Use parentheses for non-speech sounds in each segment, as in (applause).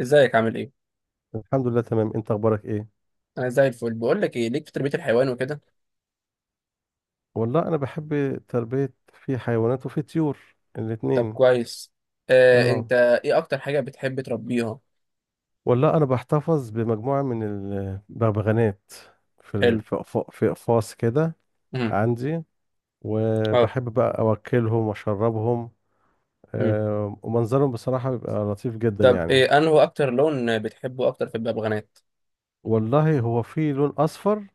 ازيك عامل ايه؟ الحمد لله تمام، انت اخبارك ايه؟ انا زي الفل. بقول لك ايه، ليك في تربية الحيوان وكده؟ والله انا بحب تربية في حيوانات وفي طيور، طب الاتنين. كويس. انت اه، ايه اكتر حاجة بتحب تربيها؟ والله انا بحتفظ بمجموعة من البغبغانات، في ال- حلو. في أقف- في اقفاص كده امم عندي. اه. وبحب بقى اوكلهم واشربهم. امم ومنظرهم بصراحة بيبقى لطيف جدا طب يعني. ايه انه اكتر لون بتحبه اكتر في الببغانات؟ والله هو في لون اصفر.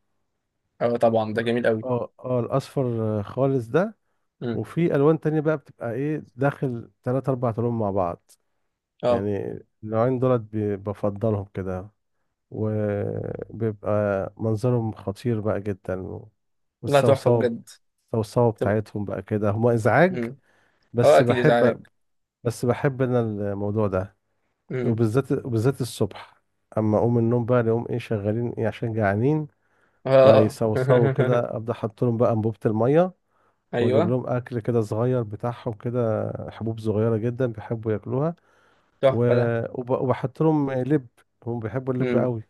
اه طبعا، و- ده جميل قوي. اه الاصفر خالص ده. امم وفي الوان تانية بقى بتبقى ايه داخل تلات اربع لون مع بعض. اه. يعني النوعين دولت بفضلهم كده. وبيبقى منظرهم خطير بقى جدا، لا تحفة والصوصوة. بجد. الصوصوة طب. بتاعتهم بقى كده هما إزعاج. امم اه بس اكيد ازعاج. بحب بس بحب أنا الموضوع ده. امم وبالذات الصبح. أما أقوم من النوم بقى نقوم إيه شغالين إيه عشان جعانين، اه. فيصوصوا (laughs) كده. أبدأ أحط لهم بقى أنبوبة المية، وأجيب ايوه. لهم أكل كده صغير بتاعهم، كده حبوب صغيرة جدا بيحبوا ياكلوها. تحفة ده. وبحط لهم لب، هم بيحبوا اللب امم قوي.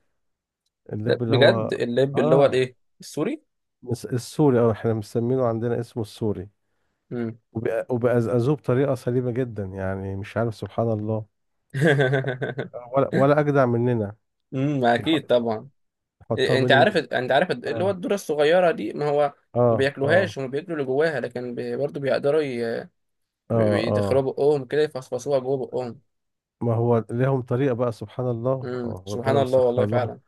ده اللب اللي بجد، هو، اللب اللي هو اه الايه؟ السوري؟ السوري. اه، احنا مسمينه عندنا اسمه السوري. امم وبأزأزوه بطريقة سليمة جدا، يعني مش عارف، سبحان الله. (laughs) ولا أجدع مننا. يح- اكيد طبعا. يحطها انت بين عارف الم... انت عارف اللي هو اه، الذره الصغيره دي، ما هو ما اه، اه، بياكلوهاش، هم بياكلوا اللي جواها، لكن برضه بيقدروا اه، اه، يدخلوها بقهم كده، يفصفصوها جوه بقهم. ما هو لهم طريقة بقى، سبحان الله، سبحان ربنا الله، والله مسخر لهم. فعلا.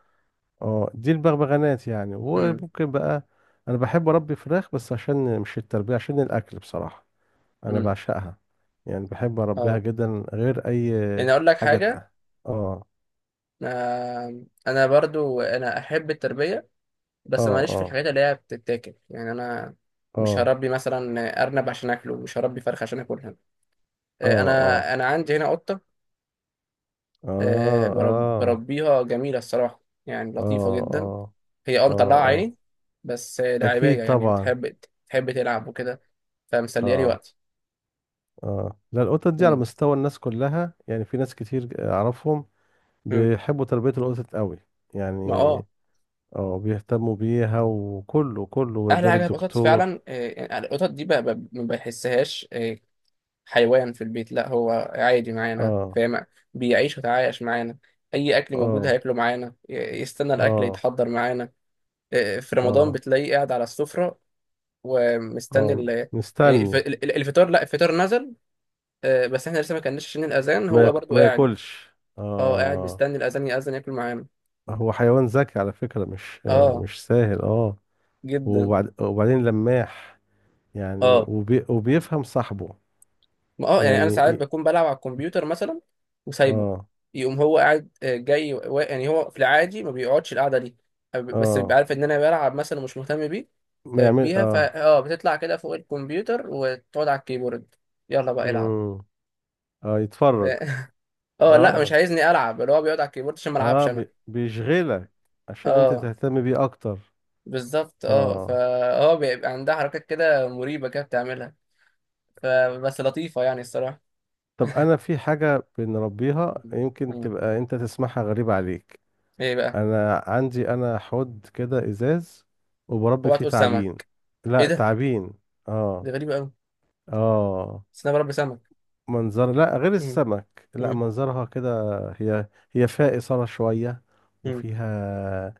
اه دي البغبغانات يعني، امم وممكن بقى أنا بحب أربي فراخ، بس عشان مش التربية، عشان الأكل بصراحة. انا امم بعشقها، يعني بحب اربيها اه، جدا، غير يعني اي اقول لك حاجه حاجه. تق-. اه، انا برضو انا احب التربيه، اه، بس ماليش في اه، الحاجات اللي هي بتتاكل، يعني انا مش اه، هربي مثلا ارنب عشان اكله، مش هربي فرخه عشان اكلها. اه، آه، اه، انا انا عندي هنا قطه. اه، اه، بربيها، جميله الصراحه، يعني اه، لطيفه جدا. اه، هي اه، مطلعة عيني، اه، بس اكيد لعيبية، يعني طبعا. بتحب تلعب وكده، فمسلية لي اه، وقتي. اه، لا القطط دي على مم. مستوى الناس كلها، يعني في ناس كتير اعرفهم مم. بيحبوا تربيه القطط قوي ما يعني. اه، اه بيهتموا بيها وكله كله أحلى ويقدر حاجة في القطط الدكتور. فعلا، يعني القطط دي ما بحسهاش حيوان في البيت، لا، هو عادي معانا، اه، فاهم؟ بيعيش ويتعايش معانا، أي أكل موجود اه، هياكله معانا، يستنى الأكل اه، يتحضر معانا. في رمضان اه، بتلاقيه قاعد على السفرة، ومستني اه، يعني مستني. الفطار، لا الفطار نزل، بس احنا لسه ما كناش، عشان الأذان، هو برضو ما قاعد. ياكلش اه، قاعد مستني الاذان ياذن ياكل معانا. هو حيوان ذكي على فكرة، مش آه اه مش سهل جدا. وبعدين لماح، يعني اه، وبيفهم صاحبه. ما يعني انا يعني ساعات بكون بلعب على الكمبيوتر مثلا، وسايبه، اه، يقوم هو قاعد جاي، و... يعني هو في العادي ما بيقعدش القعده دي، بس بيبقى اه، عارف ان انا بلعب مثلا ومش مهتم بيه، ما يعمل بيها، فا بتطلع كده فوق الكمبيوتر وتقعد على الكيبورد، يلا بقى العب. امم اه، يتفرج. (laughs) اه لا، مش اه، عايزني العب، اللي هو بيقعد على الكيبورد عشان ما العبش اه، انا. بيشغلك عشان انت اه تهتم بيه اكتر. بالظبط، اه، فهو بيبقى عندها حركات كده مريبه، كده بتعملها، فبس لطيفه يعني الصراحه. طب انا في حاجة بنربيها مم. يمكن مم. تبقى انت تسمعها غريبة عليك. ايه بقى؟ انا عندي حوض كده ازاز، وبربي اوعى فيه تقول تعابين. سمك. ايه لا، ده؟ تعابين. دي اه، غريبه قوي. اه، بس انا بربي سمك. منظر. لا غير مم. السمك، لا مم. منظرها كده، هي فيها إثارة شوية. مم. وفيها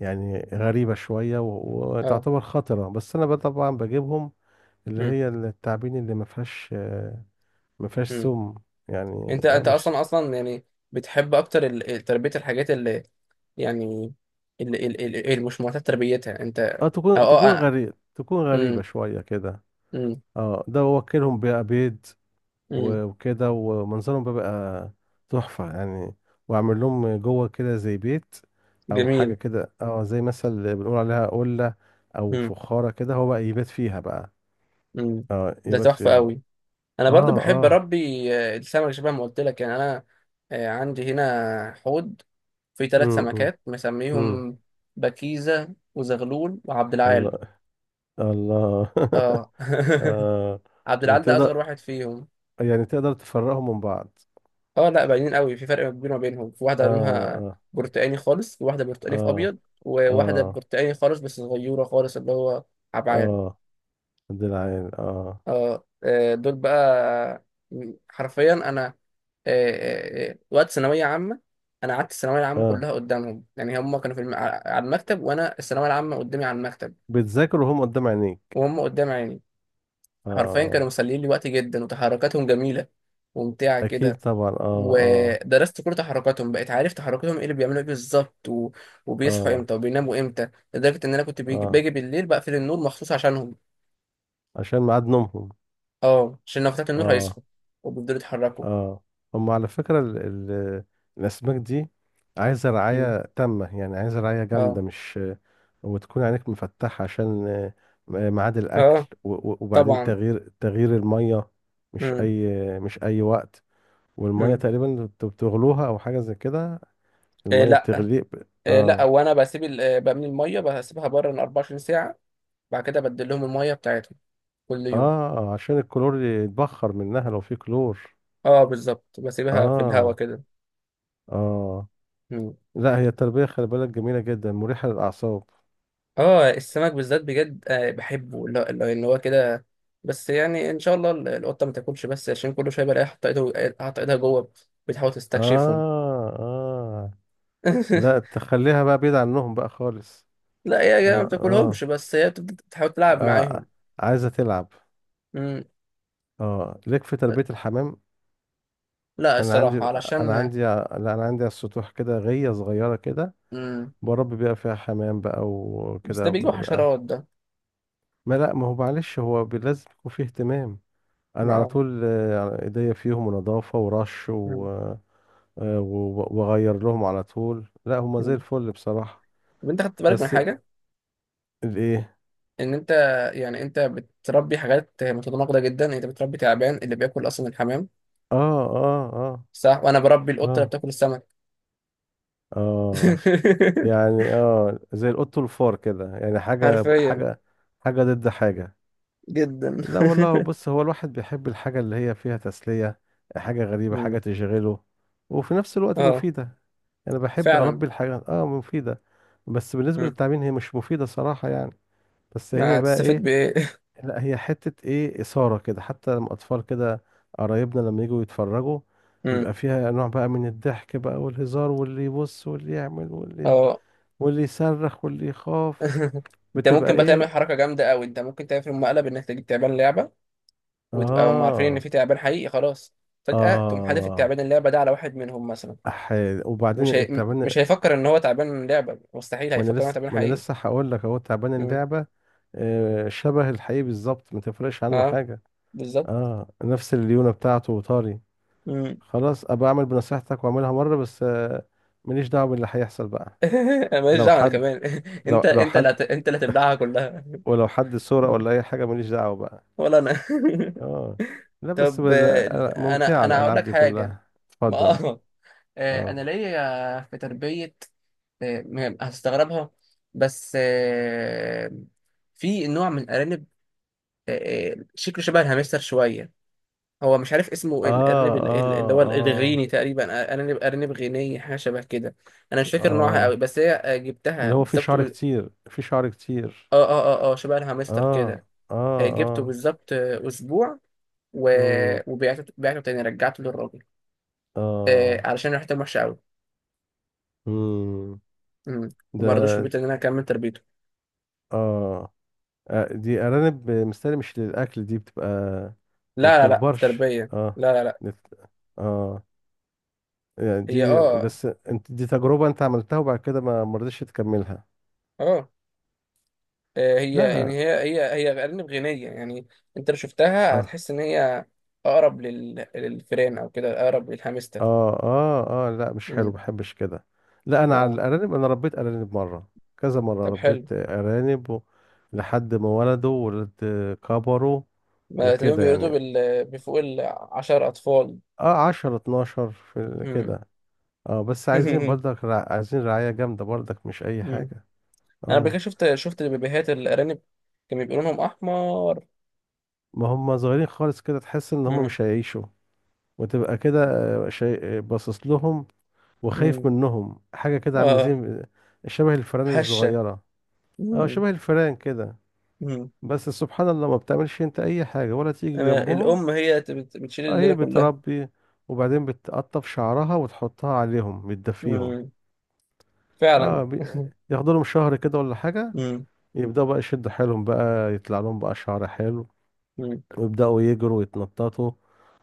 يعني غريبة شوية، اه. وتعتبر خطرة، بس انا بقى طبعا بجيبهم اللي مم. هي التعابين اللي ما فيهاش مم. سم يعني. انت اه انت مش، اصلا يعني بتحب اكتر تربيه الحاجات اللي، يعني اللي مش معتاد تربيتها انت، اه تكون اه. تكون آه. غريب تكون غريبة مم. شوية كده. مم. اه ده واكلهم بقى بيض. مم. وكده، ومنظرهم بيبقى تحفة يعني. وأعمل لهم جوه كده زي بيت، أو حاجة جميل. كده، زي مثلا بنقول عليها قلة، أو مم. فخارة كده، هو بقى يبات فيها بقى. مم. اه ده يبات تحفه فيها هو. قوي. انا برضو اه، بحب اه، اربي السمك، شبه ما قلت لك، يعني انا عندي هنا حوض فيه ثلاث امم، امم، سمكات، إمم. مسميهم بكيزة وزغلول وعبد العال. الله، الله. (laughs) اه. (laughs) آه عبد العال ده اصغر وتقدر، واحد فيهم. يعني تقدر تفرقهم من بعض؟ اه لا، باينين قوي، في فرق كبير ما بينهم، في اه، واحدة لونها اه، برتقاني خالص، وواحدة برتقاني في اه، ابيض، وواحدة اه، برتقاني خالص بس صغيرة خالص، اللي هو عبعال. اه، دي العين اه دول بقى، حرفيا انا وقت ثانويه عامه، انا قعدت الثانويه العامه اه، كلها قدامهم، يعني هم كانوا في الم... على المكتب، وانا الثانويه العامه قدامي على المكتب، بتذاكروا هم قدام عينيك. وهم قدام عيني، حرفيا كانوا اه، مسليين لي وقتي جدا، وتحركاتهم جميله وممتعه اكيد كده، طبعا. اه، اه، ودرست كل تحركاتهم، بقيت عارف تحركاتهم ايه، اللي بيعملوا ايه بالظبط، و... وبيصحوا اه، امتى وبيناموا امتى، لدرجه ان انا كنت بيجي... اه، باجي بالليل بقفل النور مخصوص عشانهم، عشان ميعاد نومهم. اه عشان لو فتحت النور اه، هيصحوا وبيفضلوا يتحركوا. اه، هم على فكرة ال ال الاسماك دي عايزة مم. رعاية تامة، يعني عايزة رعاية اه جامدة مش. وتكون عينك مفتحة عشان ميعاد الاكل، اه وبعدين طبعا. تغيير المية. امم مش اي وقت. والمية امم تقريبا بتغلوها او حاجة زي كده. إيه المية لا. بتغلي إيه لا، وانا بسيب بملي الميه بسيبها بره من 24 ساعه، بعد كده بدل لهم الميه بتاعتهم كل يوم. اه عشان الكلور يتبخر منها لو في كلور. اه بالظبط، بسيبها في الهوا اه، كده. اه، مم. لا هي التربية خلي بالك جميلة جدا، مريحة للأعصاب. اه السمك بالذات بجد، بحبه، لا لا، اللي هو كده، بس يعني ان شاء الله القطه ما تاكلش، بس عشان كل شويه بلاقيها حاطه ايدها، حاطه ايدها جوه، بتحاول تستكشفهم. اه، اه، لا (laughs) تخليها بقى بعيد عنهم بقى خالص. لا يا جماعه، ما اه، اه، بتاكلهمش، بس هي بتبدأ تحاول تلعب معاهم. آه. عايزة تلعب. مم. اه، ليك في تربية الحمام؟ لا انا عندي الصراحه، انا علشان، عندي لا انا عندي على السطوح كده غية صغيرة كده، مم، بربي بقى فيها حمام بقى بس ده وكده بيجي بقى. حشرات ده. ما لا، ما هو معلش، هو لازم يكون فيه اهتمام. انا على اه. طول ايديا فيهم ونظافة ورش. مم. واغير لهم على طول، لا هما زي مم. الفل بصراحة. طب انت خدت بالك من بس حاجه، الايه. ان انت يعني انت بتربي حاجات متناقضه جدا، يعني انت بتربي تعبان اللي بياكل اصلا الحمام، اه، اه، اه، صح؟ وانا بربي القطه اللي اه، بتاكل السمك. اه، (laughs) يعني زي القط والفار كده، يعني حرفيا حاجة ضد حاجة. جدا. لا والله، (laughs) بص هو الواحد بيحب الحاجة اللي هي فيها تسلية، حاجة غريبة، حاجة مم. تشغله، وفي نفس الوقت اه مفيدة. انا بحب فعلا. اربي الحاجات مفيدة. بس بالنسبة مم. للتعبين هي مش مفيدة صراحة يعني. بس هي بقى هتستفيد ايه. بايه؟ (laughs) لا هي حتة ايه إثارة كده، حتى لما أطفال كده قرايبنا لما يجوا يتفرجوا، مم. بيبقى فيها نوع بقى من الضحك بقى والهزار، واللي يبص واللي يعمل واللي اه. واللي يصرخ واللي يخاف، (laughs) انت بتبقى ممكن بقى تعمل ايه. حركه جامده قوي، انت ممكن تعمل في مقلب، انك تجيب تعبان لعبه وتبقى هم عارفين ان اه، في تعبان حقيقي، خلاص فجاه تقوم حادف اه، التعبان اللعبه ده على واحد منهم مثلا، أحيان. وبعدين التعبان، مش هيفكر ان هو تعبان من لعبه، مستحيل، ما انا هيفكر ان هو لسه تعبان ما انا حقيقي. لسه هقول لك اهو تعبان مم. اللعبة. شبه الحقيقي بالظبط، ما تفرقش عنه اه حاجة. بالظبط. اه نفس الليونة بتاعته وطاري. مم. خلاص، ابقى اعمل بنصيحتك واعملها مرة بس ماليش دعوة باللي هيحصل بقى. (laughs) انا ماليش لو دعوه انا حد، كمان. (laughs) انت لو لو انت حد، انت اللي هتبلعها كلها. ولو حد صورة ولا أي (laughs) حاجة، ماليش دعوة بقى. ولا انا. اه (laughs) لا بس طب بال... انا ممتعة انا هقول الألعاب لك دي حاجه، كلها، ما اتفضل. اه، اه، انا ليا في تربيه، هتستغربها، بس في نوع من الارانب، شكله شبه الهامستر شويه، هو مش عارف اسمه، اه، الارنب اللي اه، هو اه، الغيني تقريبا، ارنب غيني، حاجه شبه كده. انا مش فاكر نوعها قوي، اه، بس هي جبتها اللي هو بالظبط فيه شعر كتير. اه اه اه اه، شبه الهامستر اه، كده. اه، جبته اه، بالظبط اسبوع، و... امم، وبعته تاني، رجعته للراجل، اه، علشان ريحته وحشه قوي. امم، امم وما رضوش في ده. البيت ان انا اكمل تربيته. اه دي أرانب مستني مش للأكل، دي بتبقى ما لا لا لا، بتكبرش. تربيه، اه، لا لا لا. نت- اه يعني هي دي بس انت دي تجربة انت عملتها، وبعد كده ما رضيتش تكملها. اه هي لا، يعني لا. هي أرانب غنية، يعني أنت لو شفتها اه، هتحس إن هي أقرب للفئران أو كده، أقرب للهامستر. اه، اه، اه، لا مش حلو، ما امم بحبش كده. لا انا على أه. الارانب، انا ربيت ارانب مرة، كذا مرة طب حلو. ربيت ارانب و... لحد ما ولدوا، ولد، كبروا ما تقريبا وكده بيولدوا يعني. بفوق العشر أطفال. اه 10 12 امم كده. اه بس عايزين برضك (laughs) رع... عايزين رعاية جامدة برضك، مش اي أمم. حاجة. أنا قبل كده اه شفت بيبيهات الأرانب، كان بيبقى لونهم أحمر. ما هم صغيرين خالص كده، تحس ان هم امم مش هيعيشوا. وتبقى كده، شيء باصص لهم، وخايف امم منهم، حاجة كده عاملة أه، زي شبه الفئران هشة. الصغيرة. اه امم شبه الفئران كده. امم بس سبحان الله ما بتعملش انت اي حاجة ولا تيجي أما جنبهم. الأم هي بتشيل اه الليلة هي كلها. بتربي، وبعدين بتقطف شعرها وتحطها عليهم بتدفيهم. امم فعلا. اه بي... (laughs) ياخدوا لهم شهر كده ولا حاجة، يبدأوا بقى يشدوا حيلهم بقى، يطلع لهم بقى شعر حلو، امم ويبدأوا يجروا ويتنططوا.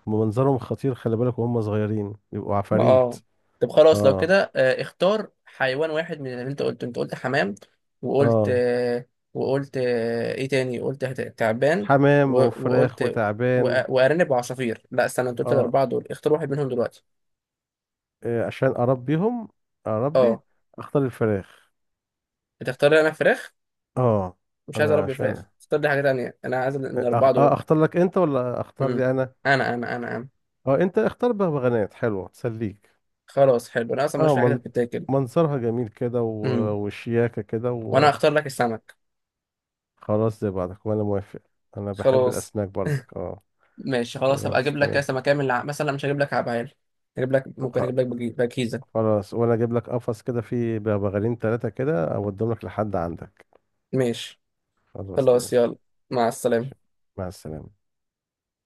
ومنظرهم خطير، خلي بالك وهم صغيرين يبقوا عفاريت. اه. طب خلاص لو اه، كده، اختار حيوان واحد من اللي انت قلته، انت قلت حمام، وقلت اه، وقلت ايه تاني قلت؟ تعبان، حمام وقلت وفراخ وتعبان. وارنب وعصافير. لا استنى، انت قلت اه الاربعه دول، اختار واحد منهم دلوقتي. عشان اربيهم، اربي. اه، اختار الفراخ. هتختار لي انا فراخ؟ اه مش عايز انا اربي فراخ، عشان، اختار لي حاجه تانيه، انا عايز آه، أخ... الاربعه آه دول. اختار لك انت ولا اختار امم لي انا؟ انا اه انت اختار بغبغانات حلوه تسليك. خلاص، حلو، انا اصلا مش في اه، الحاجات من... اللي بتتاكل. منظرها جميل كده، و... امم وشياكه كده. وانا اختار لك السمك. وخلاص زي بعضك، وانا موافق. انا بحب خلاص. الاسماك برضك ماشي خلاص، هبقى خلاص اجيب لك تمام. كاس سمكة من مثلا مش هجيب لك عبعال، هجيب لك وخ... ممكن اجيب لك بكيزة. خلاص، وانا اجيب لك قفص كده فيه بغبغانين ثلاثه كده، اوديهم لك لحد عندك. ماشي. خلاص، خلاص ماشي. يلا، مع السلامة. ماشي، مع السلامه.